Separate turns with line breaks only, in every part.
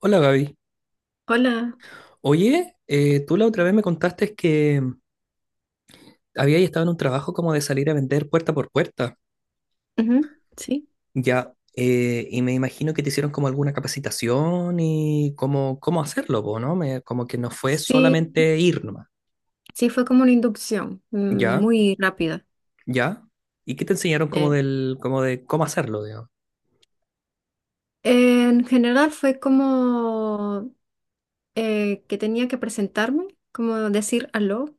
Hola Gaby.
Hola.
Oye, tú la otra vez me contaste que habías estado en un trabajo como de salir a vender puerta por puerta.
Ujú. Sí,
Ya, y me imagino que te hicieron como alguna capacitación y cómo hacerlo, po, ¿no? Como que no fue
sí,
solamente ir nomás.
sí, fue como una inducción
Ya,
muy rápida.
ya. ¿Y qué te enseñaron como
Eh,
como de cómo hacerlo, digamos?
en general fue como que tenía que presentarme, como decir aló,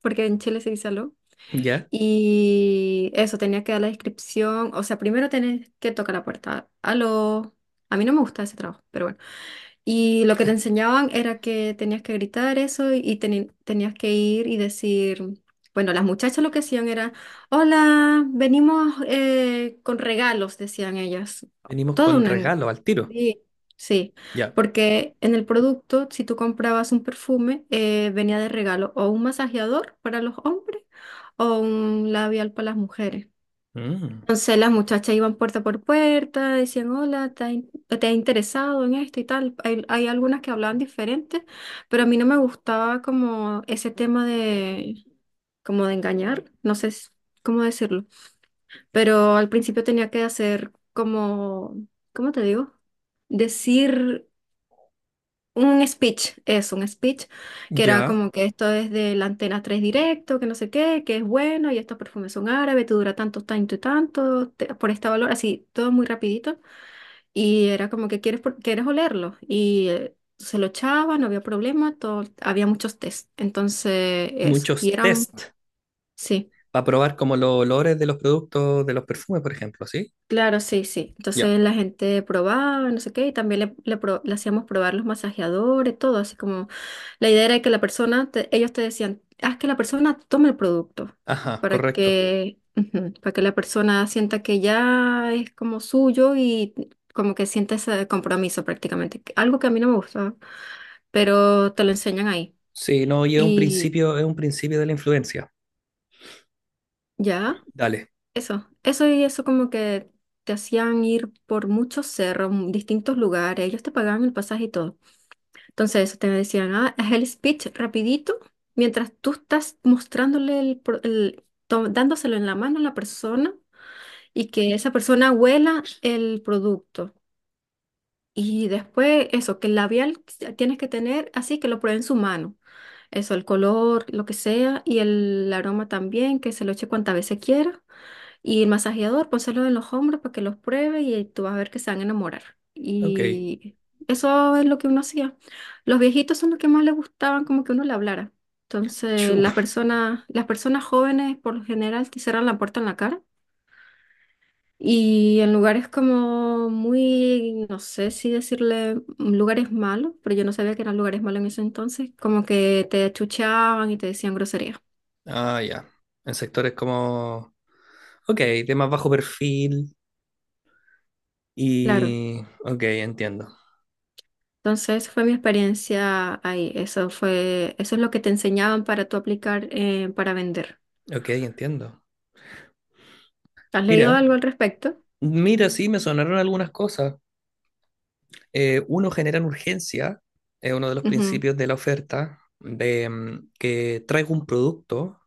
porque en Chile se dice aló.
Ya.
Y eso, tenía que dar la descripción. O sea, primero tenés que tocar la puerta. Aló. A mí no me gusta ese trabajo, pero bueno. Y lo que te enseñaban era que tenías que gritar eso y tenías que ir y decir, bueno, las muchachas lo que hacían era, hola, venimos con regalos, decían ellas.
Venimos
Todo
con
una...
regalo al tiro.
Sí, sí,
Ya.
porque en el producto, si tú comprabas un perfume, venía de regalo o un masajeador para los hombres o un labial para las mujeres.
Mm,
Entonces las muchachas iban puerta por puerta, decían, hola, ¿te ha interesado en esto y tal? Hay algunas que hablaban diferente, pero a mí no me gustaba como ese tema de, como de engañar, no sé s- cómo decirlo, pero al principio tenía que hacer como, ¿cómo te digo? Decir un speech, es un speech, que era
ya.
como que esto es de la antena 3 directo, que no sé qué, que es bueno, y estos perfumes son árabes, te dura tanto, tanto y tanto, por este valor, así, todo muy rapidito. Y era como que quieres, quieres olerlo. Y se lo echaba, no había problema, todo, había muchos test. Entonces, eso.
Muchos
Y eran,
test
sí.
para probar como los olores de los productos, de los perfumes, por ejemplo, ¿sí?
Claro, sí, sí.
Ya.
Entonces la gente probaba, no sé qué, y también le hacíamos probar los masajeadores, todo, así como la idea era que la persona, ellos te decían, haz que la persona tome el producto
Ajá,
para
correcto.
que, ujú, para que la persona sienta que ya es como suyo y como que sienta ese compromiso prácticamente. Algo que a mí no me gusta, pero te lo enseñan ahí.
Sí, no, y
Y
es un principio de la influencia.
ya.
Dale.
Eso y eso como que te hacían ir por muchos cerros, distintos lugares, ellos te pagaban el pasaje y todo. Entonces eso te decían, ah, haz el speech rapidito, mientras tú estás mostrándole el, pro- el- to- dándoselo en la mano a la persona y que esa persona huela el producto. Y después eso, que el labial tienes que tener así que lo pruebe en su mano. Eso, el color, lo que sea, y el aroma también, que se lo eche cuantas veces quiera. Y el masajeador, pónselo en los hombros para que los pruebe y tú vas a ver que se van a enamorar.
Ok.
Y eso es lo que uno hacía. Los viejitos son los que más les gustaban como que uno le hablara. Entonces,
Chu.
las personas jóvenes por lo general te cierran la puerta en la cara. Y en lugares como muy, no sé si decirle lugares malos, pero yo no sabía que eran lugares malos en ese entonces, como que te achuchaban y te decían groserías.
Ah, ya. En sectores como. Ok, de más bajo perfil.
Claro,
Y. Ok, entiendo.
entonces fue mi experiencia ahí. Eso fue, eso es lo que te enseñaban para tú aplicar para vender.
Ok, entiendo.
¿Has leído
Mira,
algo al respecto?
mira, sí, me sonaron algunas cosas. Uno genera urgencia, es uno de los
Ujú.
principios de la oferta, de que traigo un producto.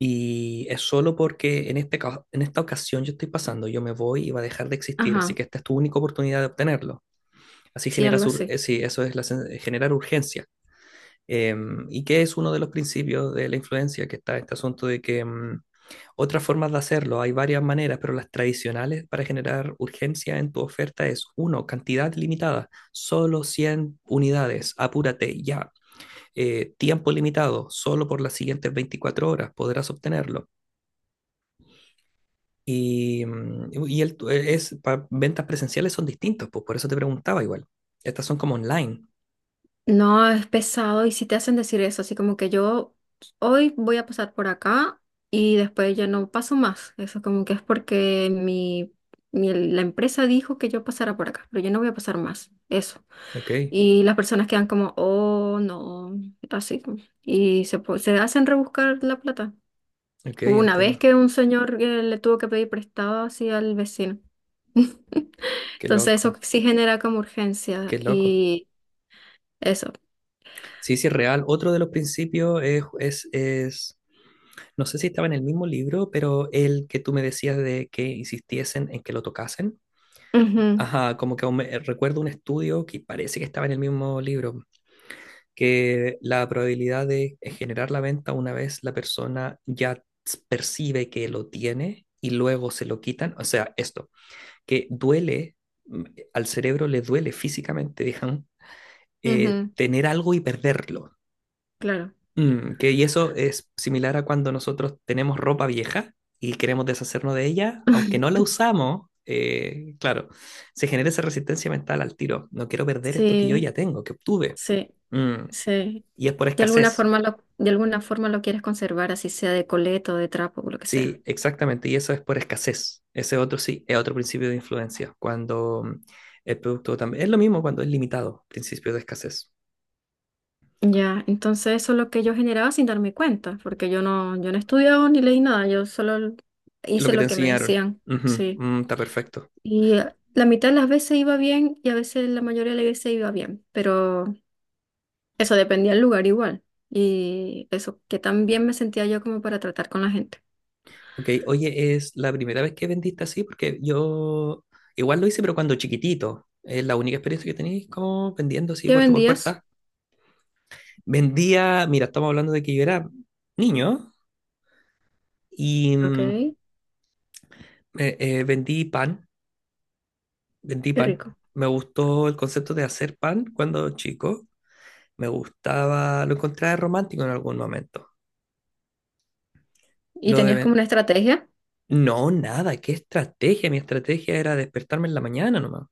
Y es solo porque en en esta ocasión yo estoy pasando, yo me voy y va a dejar de existir, así
Ajá,
que esta es tu única oportunidad de obtenerlo. Así
sí, algo
generas,
así.
sí, eso es generar urgencia. Y que es uno de los principios de la influencia, que está este asunto de que otras formas de hacerlo, hay varias maneras, pero las tradicionales para generar urgencia en tu oferta es, uno, cantidad limitada, solo 100 unidades, apúrate ya. Tiempo limitado, solo por las siguientes 24 horas podrás obtenerlo. Y el, tu- e, es, para ventas presenciales son distintos, pues por eso te preguntaba igual. Estas son como online.
No, es pesado y si te hacen decir eso, así como que yo hoy voy a pasar por acá y después ya no paso más. Eso como que es porque mi, la empresa dijo que yo pasara por acá, pero yo no voy a pasar más. Eso.
Ok,
Y las personas quedan como, oh, no, así. Y se, se hacen rebuscar la plata.
ok,
Hubo una vez
entiendo.
que un señor le tuvo que pedir prestado así al vecino.
Qué
Entonces eso
loco,
sí genera como urgencia
qué loco.
y eso.
Sí, sí, es real. Otro de los principios es, no sé si estaba en el mismo libro, pero el que tú me decías de que insistiesen en que lo tocasen.
Ujú,
Ajá, como que aún recuerdo un estudio que parece que estaba en el mismo libro, que la probabilidad de generar la venta una vez la persona ya percibe que lo tiene y luego se lo quitan, o sea, esto, que duele, al cerebro le duele físicamente, digamos,
ujú,
tener algo y perderlo.
claro.
Y eso es similar a cuando nosotros tenemos ropa vieja y queremos deshacernos de ella, aunque no la usamos, claro, se genera esa resistencia mental al tiro. No quiero perder esto que yo ya
Sí,
tengo, que obtuve.
sí,
Mm,
sí.
y es por
De alguna
escasez.
forma lo, de alguna forma lo quieres conservar, así sea de coleto, de trapo, o lo que sea.
Sí, exactamente, y eso es por escasez. Ese otro sí, es otro principio de influencia, cuando el producto también. Es lo mismo cuando es limitado, principio de escasez.
Ya, entonces eso es lo que yo generaba sin darme cuenta, porque yo no estudiaba ni leí nada, yo solo
Es lo
hice
que te
lo que me
enseñaron.
decían.
Ujú,
Sí.
está perfecto.
Y la mitad de las veces iba bien y a veces la mayoría de las veces iba bien, pero eso dependía del lugar igual. Y eso, que tan bien me sentía yo como para tratar con la gente.
Ok, oye, ¿es la primera vez que vendiste así? Porque yo igual lo hice, pero cuando chiquitito. Es la única experiencia que tenéis como vendiendo así
¿Qué
puerta por
vendías?
puerta. Vendía, mira, estamos hablando de que yo era niño y
Ok, qué
vendí pan. Vendí pan.
rico.
Me gustó el concepto de hacer pan cuando chico. Me gustaba, lo encontraba romántico en algún momento.
¿Y
Lo de...
tenías como
ven-
una estrategia?
No, nada, qué estrategia. Mi estrategia era despertarme en la mañana nomás.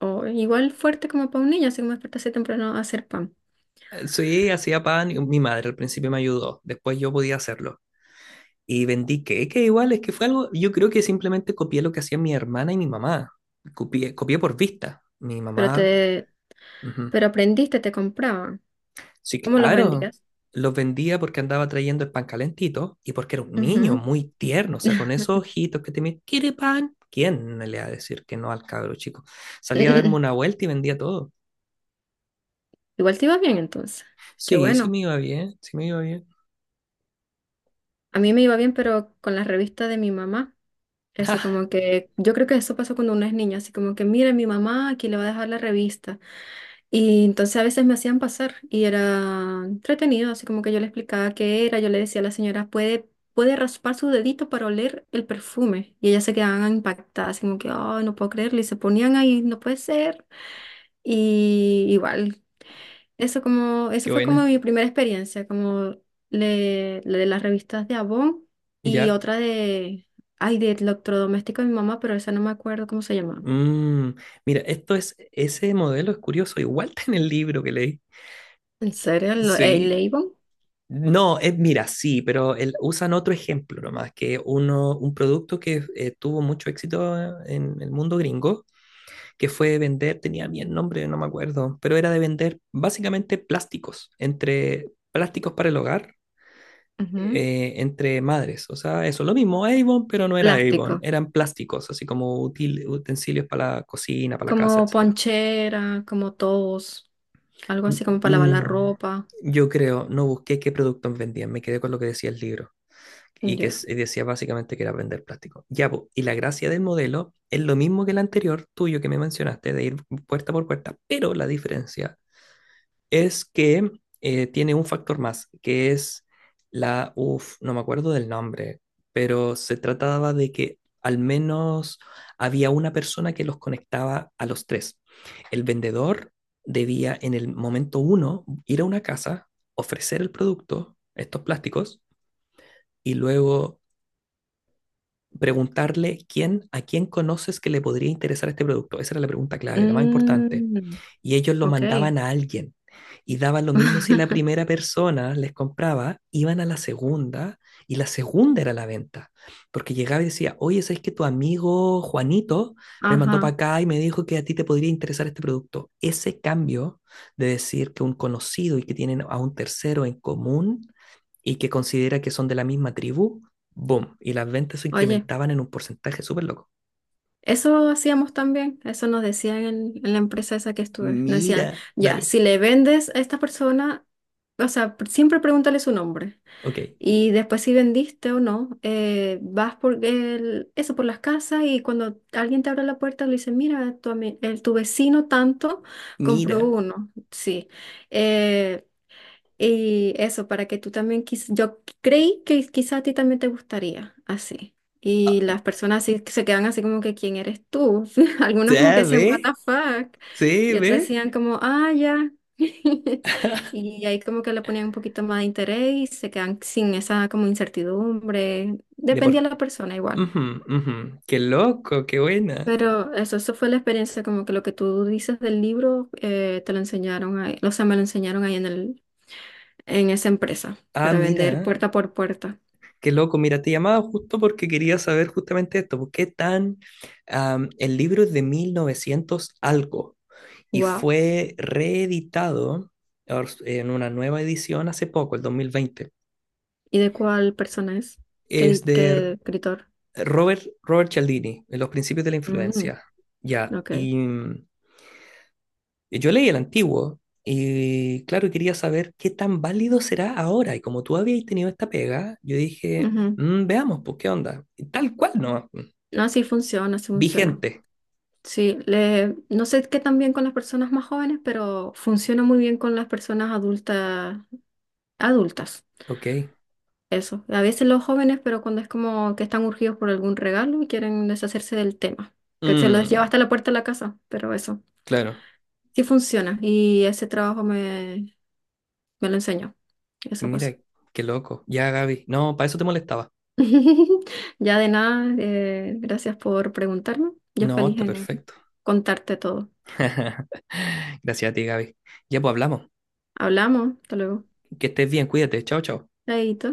O igual fuerte como para un niño, así como despertarse temprano a hacer pan.
Sí, hacía pan y mi madre al principio me ayudó. Después yo podía hacerlo. Y vendí queque igual, es que fue algo, yo creo que simplemente copié lo que hacían mi hermana y mi mamá. Copié, copié por vista. Mi
Pero
mamá.
te,
Ujú.
pero aprendiste, te compraban.
Sí,
¿Cómo los
claro.
vendías?
Los vendía porque andaba trayendo el pan calentito y porque era un niño
Ujú.
muy tierno, o sea, con esos ojitos que te miran, ¿quiere pan? ¿Quién le va a decir que no al cabro chico? Salía a darme una vuelta y vendía todo.
Igual te iba bien entonces. Qué
Sí, sí
bueno.
me iba bien, sí me iba bien.
A mí me iba bien, pero con la revista de mi mamá. Eso como que, yo creo que eso pasó cuando uno es niño, así como que, mira, mi mamá aquí le va a dejar la revista. Y entonces a veces me hacían pasar y era entretenido, así como que yo le explicaba qué era, yo le decía a la señora, puede raspar su dedito para oler el perfume. Y ellas se quedaban impactadas, así como que, oh, no puedo creerlo. Y se ponían ahí, no puede ser. Y igual, eso como, eso
Qué
fue como
buena.
mi primera experiencia, como le de las revistas de Avon y
Ya.
otra de, ay, de electrodoméstico de mi mamá, pero esa no me acuerdo cómo se llamaba.
Mm, Mira, ese modelo es curioso, igual está en el libro que leí.
¿En serio?
Sí.
El Avon?
No, mira, sí, pero usan otro ejemplo nomás, que un producto que tuvo mucho éxito en el mundo gringo, que fue de vender, tenía bien nombre, no me acuerdo, pero era de vender básicamente plásticos, entre plásticos para el hogar,
Ujú.
entre madres. O sea, eso, lo mismo Avon, pero no era Avon,
Plástico.
eran plásticos, así como utensilios para la cocina, para la casa,
Como
etcétera.
ponchera, como tos, algo así como para lavar la
Mm,
ropa.
yo creo, no busqué qué productos vendían, me quedé con lo que decía el libro y que
Ya.
decía básicamente que era vender plástico. Ya, po, y la gracia del modelo es lo mismo que el anterior tuyo que me mencionaste, de ir puerta por puerta, pero la diferencia es que tiene un factor más, que es no me acuerdo del nombre, pero se trataba de que al menos había una persona que los conectaba a los tres. El vendedor debía en el momento uno ir a una casa, ofrecer el producto, estos plásticos, y luego preguntarle quién, a quién conoces que le podría interesar este producto. Esa era la pregunta clave, la más importante,
Mm.
y ellos lo
Ok.
mandaban a alguien. Y daba lo mismo si la primera persona les compraba, iban a la segunda y la segunda era la venta. Porque llegaba y decía, oye, ¿sabes que tu amigo Juanito me mandó
Ajá.
para acá y me dijo que a ti te podría interesar este producto? Ese cambio de decir que un conocido y que tienen a un tercero en común y que considera que son de la misma tribu, boom, y las ventas se
Oye,
incrementaban en un porcentaje súper loco.
eso hacíamos también, eso nos decían en la empresa esa que estuve. Nos decían,
Mira,
ya,
dale,
si le vendes a esta persona, o sea, siempre pregúntale su nombre.
ok,
Y después si vendiste o no, vas por eso por las casas y cuando alguien te abre la puerta le dice, mira, tu vecino tanto compró
mira,
uno. Sí. eh, y eso, para que tú también, yo creí que quizá a ti también te gustaría, así. Y las personas así que se quedan así como que, ¿quién eres tú? Algunos como que
ya,
decían, what the
ve,
fuck?
sí,
Y otros
ve.
decían como, ah, ya. Y ahí como que le ponían un poquito más de interés y se quedan sin esa como incertidumbre.
De
Dependía
por...
de la persona igual.
Ujú, ujú. Qué loco, qué buena.
Pero eso fue la experiencia, como que lo que tú dices del libro, te lo enseñaron ahí, o sea, me lo enseñaron ahí en esa empresa
Ah,
para vender
mira,
puerta por puerta.
qué loco. Mira, te llamaba justo porque quería saber justamente esto. ¿Por ¿Qué tan... am, ¿El libro es de 1900 algo y
Wow.
fue reeditado en una nueva edición hace poco, el 2020?
¿Y de cuál persona es?
Es de
¿Qué escritor?
Robert Cialdini, en Los Principios de la
Mm,
Influencia. Ya,
ok.
y... Yo leí el antiguo y claro, quería saber qué tan válido será ahora. Y como tú habías tenido esta pega, yo dije:
Ujú.
Veamos, pues, qué onda. Y tal cual, ¿no?".
No, sí funciona, sí funciona.
Vigente.
Sí, le, no sé qué tan bien con las personas más jóvenes, pero funciona muy bien con las personas adultas, adultas.
Ok.
Eso. A veces los jóvenes, pero cuando es como que están urgidos por algún regalo y quieren deshacerse del tema, que se los lleva
Mm,
hasta la puerta de la casa, pero eso.
claro.
Sí funciona y ese trabajo me me lo enseñó. Eso pasó.
Mira, qué loco. Ya, Gaby. No, para eso te molestaba.
Ya de nada, gracias por preguntarme. Yo
No,
feliz
está
en
perfecto.
contarte todo.
Gracias a ti, Gaby. Ya, pues hablamos.
Hablamos, hasta luego.
Que estés bien, cuídate. Chao, chao.
Chaito.